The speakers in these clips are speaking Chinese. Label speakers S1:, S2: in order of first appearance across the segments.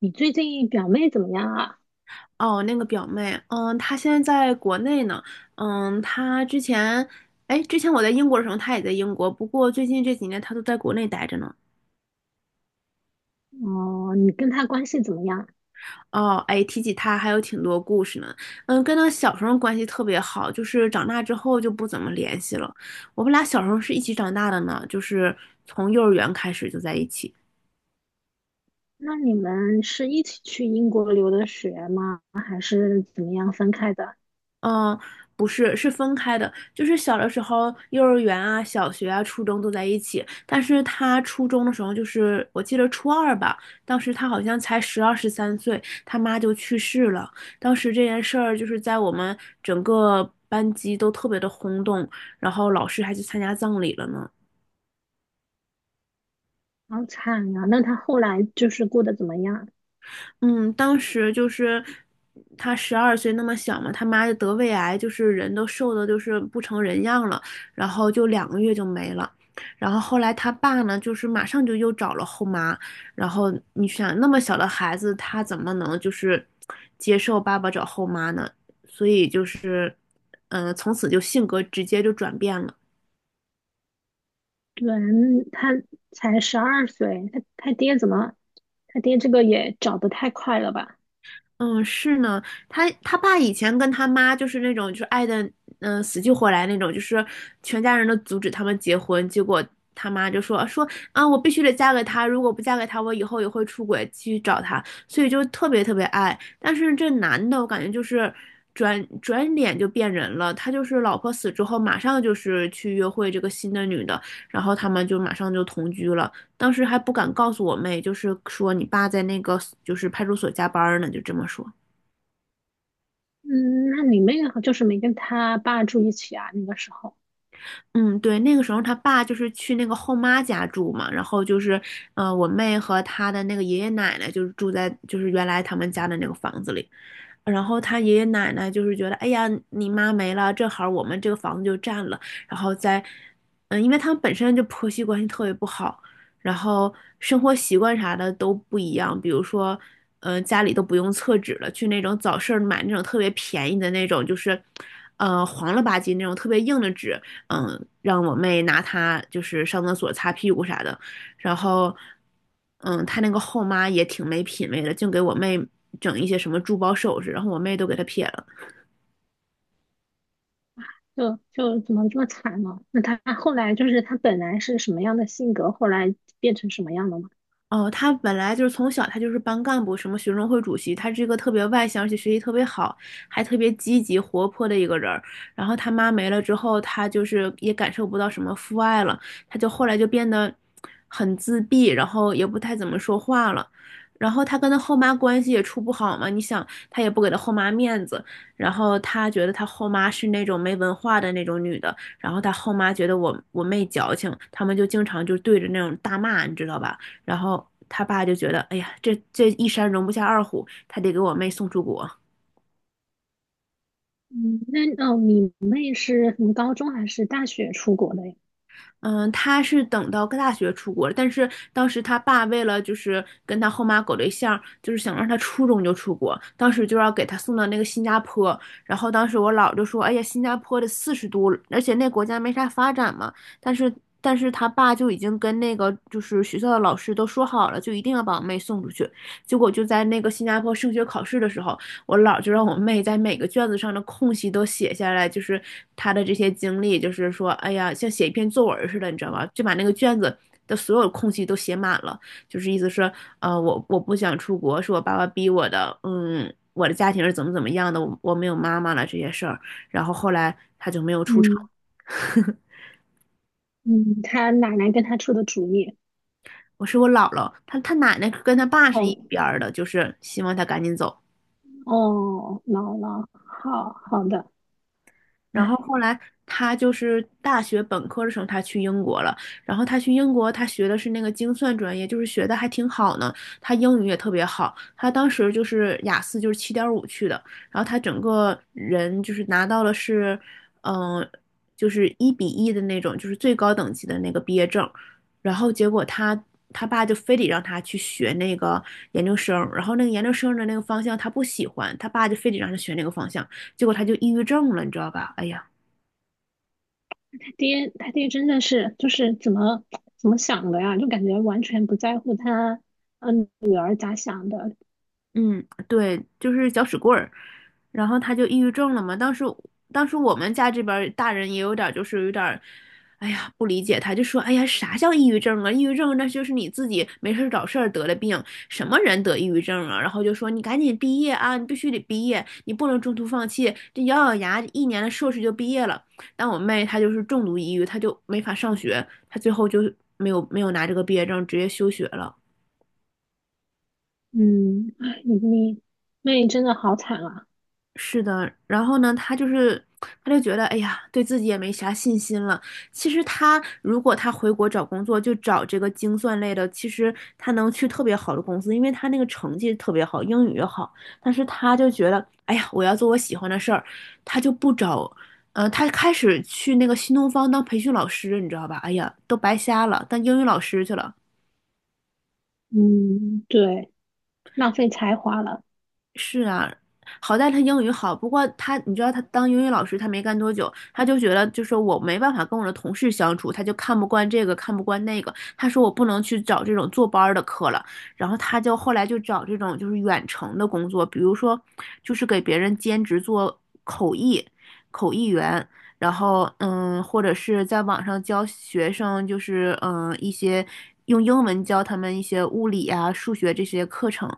S1: 你最近表妹怎么样啊？
S2: 哦，那个表妹，她现在在国内呢。嗯，她之前，哎，之前我在英国的时候，她也在英国，不过最近这几年她都在国内待着呢。
S1: 哦，你跟她关系怎么样？
S2: 哦，哎，提起她还有挺多故事呢。跟她小时候关系特别好，就是长大之后就不怎么联系了。我们俩小时候是一起长大的呢，就是从幼儿园开始就在一起。
S1: 那你们是一起去英国留的学吗？还是怎么样分开的？
S2: 嗯，不是，是分开的。就是小的时候，幼儿园啊、小学啊、初中都在一起。但是他初中的时候，就是我记得初二吧，当时他好像才12、13岁，他妈就去世了。当时这件事儿就是在我们整个班级都特别的轰动，然后老师还去参加葬礼了呢。
S1: 好惨呀！那她后来就是过得怎么样？
S2: 嗯，当时就是他12岁那么小嘛，他妈就得胃癌，就是人都瘦的，就是不成人样了，然后就2个月就没了。然后后来他爸呢，就是马上就又找了后妈，然后你想那么小的孩子，他怎么能就是接受爸爸找后妈呢？所以就是，从此就性格直接就转变了。
S1: 对，她才12岁，她爹怎么？她爹这个也找得太快了吧？
S2: 嗯，是呢，他爸以前跟他妈就是那种就是爱的，死去活来那种，就是全家人都阻止他们结婚，结果他妈就说啊，我必须得嫁给他，如果不嫁给他，我以后也会出轨，继续找他，所以就特别特别爱。但是这男的，我感觉就是转转脸就变人了，他就是老婆死之后，马上就是去约会这个新的女的，然后他们就马上就同居了。当时还不敢告诉我妹，就是说你爸在那个就是派出所加班呢，就这么说。
S1: 嗯，那你妹好就是没跟她爸住一起啊？那个时候
S2: 嗯，对，那个时候他爸就是去那个后妈家住嘛，然后就是，我妹和她的那个爷爷奶奶就是住在就是原来他们家的那个房子里，然后他爷爷奶奶就是觉得，哎呀，你妈没了，正好我们这个房子就占了，然后再，因为他们本身就婆媳关系特别不好，然后生活习惯啥的都不一样，比如说，家里都不用厕纸了，去那种早市儿买那种特别便宜的那种，就是，黄了吧唧那种特别硬的纸，让我妹拿它就是上厕所擦屁股啥的。然后，他那个后妈也挺没品位的，净给我妹整一些什么珠宝首饰，然后我妹都给他撇了。
S1: 就怎么这么惨呢？那她后来就是她本来是什么样的性格，后来变成什么样了吗？
S2: 哦，他本来就是从小他就是班干部，什么学生会主席，他是一个特别外向，而且学习特别好，还特别积极活泼的一个人儿。然后他妈没了之后，他就是也感受不到什么父爱了，他就后来就变得很自闭，然后也不太怎么说话了。然后他跟他后妈关系也处不好嘛，你想他也不给他后妈面子，然后他觉得他后妈是那种没文化的那种女的，然后他后妈觉得我妹矫情，他们就经常就对着那种大骂，你知道吧？然后他爸就觉得，哎呀，这一山容不下二虎，他得给我妹送出国。
S1: 嗯，那哦，你妹是从高中还是大学出国的呀？
S2: 嗯，他是等到大学出国，但是当时他爸为了就是跟他后妈搞对象，就是想让他初中就出国，当时就要给他送到那个新加坡。然后当时我姥就说：“哎呀，新加坡的40度，而且那国家没啥发展嘛。”但是但是他爸就已经跟那个就是学校的老师都说好了，就一定要把我妹送出去。结果就在那个新加坡升学考试的时候，我姥就让我妹在每个卷子上的空隙都写下来，就是她的这些经历，就是说，哎呀，像写一篇作文似的，你知道吧？就把那个卷子的所有空隙都写满了，就是意思是，我不想出国，是我爸爸逼我的，我的家庭是怎么怎么样的，我没有妈妈了这些事儿，然后后来她就没有出场。
S1: 嗯嗯，她奶奶跟她出的主意。
S2: 我是我姥姥，她奶奶跟她爸是一
S1: 哦
S2: 边儿的，就是希望她赶紧走。
S1: 哦，姥姥，好好的。
S2: 然后
S1: 唉，
S2: 后来他就是大学本科的时候，他去英国了。然后他去英国，他学的是那个精算专业，就是学的还挺好呢。他英语也特别好，他当时就是雅思就是7.5去的。然后他整个人就是拿到了是，嗯、就是1:1的那种，就是最高等级的那个毕业证。然后结果他爸就非得让他去学那个研究生，然后那个研究生的那个方向他不喜欢，他爸就非得让他学那个方向。结果他就抑郁症了，你知道吧？哎呀，
S1: 爹，他爹真的是就是怎么想的呀？就感觉完全不在乎他女儿咋想的。
S2: 嗯，对，就是搅屎棍儿，然后他就抑郁症了嘛。当时我们家这边儿大人也有点儿就是有点儿，哎呀，不理解他，就说哎呀，啥叫抑郁症啊？抑郁症那就是你自己没事儿找事儿得了病，什么人得抑郁症啊？然后就说你赶紧毕业啊，你必须得毕业，你不能中途放弃，这咬咬牙一年的硕士就毕业了。但我妹她就是重度抑郁，她就没法上学，她最后就没有拿这个毕业证，直接休学了。
S1: 嗯，唉你妹真的好惨啊。
S2: 是的，然后呢，他就觉得，哎呀，对自己也没啥信心了。其实他如果他回国找工作，就找这个精算类的，其实他能去特别好的公司，因为他那个成绩特别好，英语也好。但是他就觉得，哎呀，我要做我喜欢的事儿，他就不找，他开始去那个新东方当培训老师，你知道吧？哎呀，都白瞎了，当英语老师去了。
S1: 嗯，对，浪费才华了。
S2: 是啊，好在他英语好，不过他，你知道他当英语老师，他没干多久，他就觉得就是我没办法跟我的同事相处，他就看不惯这个，看不惯那个。他说我不能去找这种坐班儿的课了，然后他就后来就找这种就是远程的工作，比如说就是给别人兼职做口译，口译员，然后或者是在网上教学生，就是一些用英文教他们一些物理啊、数学这些课程。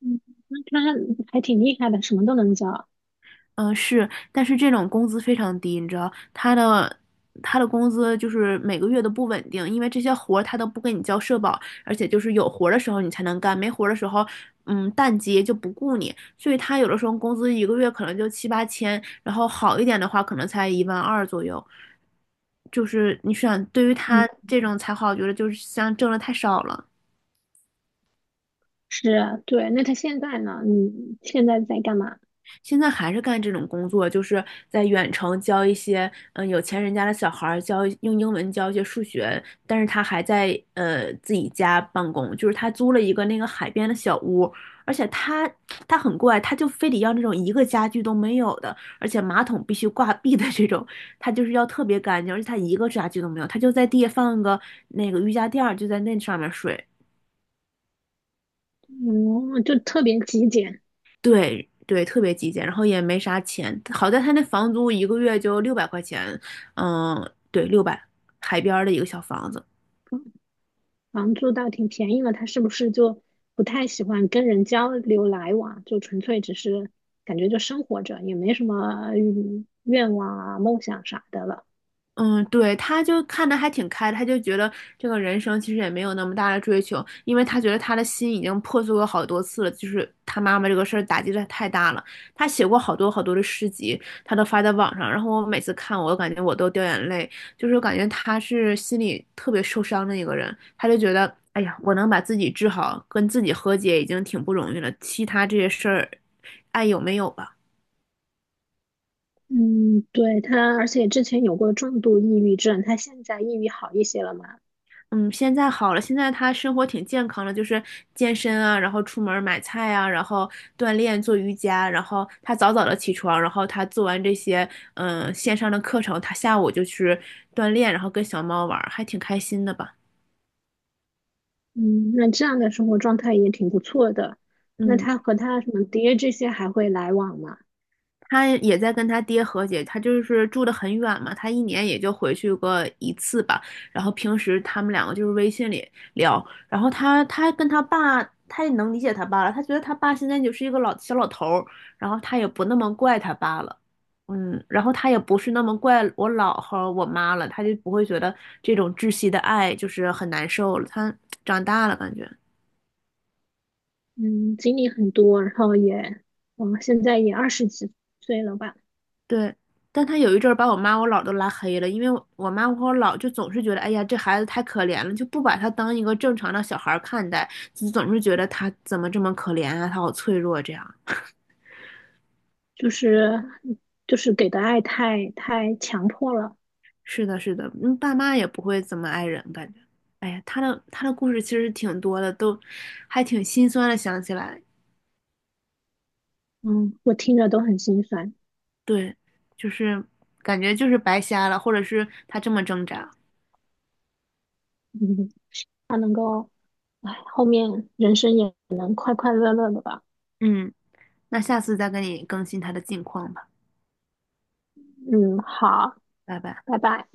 S1: 嗯，那他还挺厉害的，什么都能教。
S2: 嗯，是，但是这种工资非常低，你知道，他的工资就是每个月都不稳定，因为这些活儿他都不给你交社保，而且就是有活儿的时候你才能干，没活儿的时候，淡季就不雇你，所以他有的时候工资一个月可能就7、8千，然后好一点的话可能才1万2左右，就是你想，对于
S1: 嗯。
S2: 他这种才好，我觉得就是像挣的太少了。
S1: 是啊，对。那他现在呢？你现在在干嘛？
S2: 现在还是干这种工作，就是在远程教一些有钱人家的小孩儿教用英文教一些数学，但是他还在自己家办公，就是他租了一个那个海边的小屋，而且他很怪，他就非得要那种一个家具都没有的，而且马桶必须挂壁的这种，他就是要特别干净，而且他一个家具都没有，他就在地下放个那个瑜伽垫儿，就在那上面睡。
S1: 嗯，就特别极简，
S2: 对对，特别极简，然后也没啥钱。好在他那房租一个月就600块钱，嗯，对，六百，海边儿的一个小房子。
S1: 嗯房租倒挺便宜了。他是不是就不太喜欢跟人交流来往？就纯粹只是感觉就生活着，也没什么愿望啊、梦想啥的了。
S2: 嗯，对，他就看的还挺开的他就觉得这个人生其实也没有那么大的追求，因为他觉得他的心已经破碎过好多次了，就是他妈妈这个事儿打击的太大了。他写过好多好多的诗集，他都发在网上，然后我每次看我，我感觉我都掉眼泪，就是感觉他是心里特别受伤的一个人，他就觉得，哎呀，我能把自己治好，跟自己和解已经挺不容易了，其他这些事儿，爱有没有吧？
S1: 嗯，对，他，而且之前有过重度抑郁症，他现在抑郁好一些了嘛？
S2: 嗯，现在好了，现在他生活挺健康的，就是健身啊，然后出门儿买菜啊，然后锻炼做瑜伽，然后他早早的起床，然后他做完这些线上的课程，他下午就去锻炼，然后跟小猫玩儿还挺开心的吧。
S1: 嗯，那这样的生活状态也挺不错的。那
S2: 嗯。
S1: 他和他什么爹这些还会来往吗？
S2: 他也在跟他爹和解，他就是住得很远嘛，他一年也就回去过一次吧。然后平时他们两个就是微信里聊，然后他跟他爸，他也能理解他爸了，他觉得他爸现在就是一个老小老头儿，然后他也不那么怪他爸了，然后他也不是那么怪我姥和我妈了，他就不会觉得这种窒息的爱就是很难受了，他长大了感觉。
S1: 嗯，经历很多，然后也，嗯，现在也20几岁了吧，
S2: 对，但他有一阵儿把我妈我姥儿都拉黑了，因为我妈和我姥就总是觉得，哎呀，这孩子太可怜了，就不把他当一个正常的小孩儿看待，就总是觉得他怎么这么可怜啊，他好脆弱这样。
S1: 就是就是给的爱太强迫了，
S2: 是的，是的，爸妈也不会怎么爱人，感觉，哎呀，他的故事其实挺多的，都还挺心酸的，想起来，
S1: 嗯，我听着都很心酸，
S2: 对，就是感觉就是白瞎了，或者是他这么挣扎，
S1: 嗯，他能够，哎，后面人生也能快快乐乐的吧，
S2: 嗯，那下次再跟你更新他的近况吧，
S1: 嗯，好，
S2: 拜拜。
S1: 拜拜。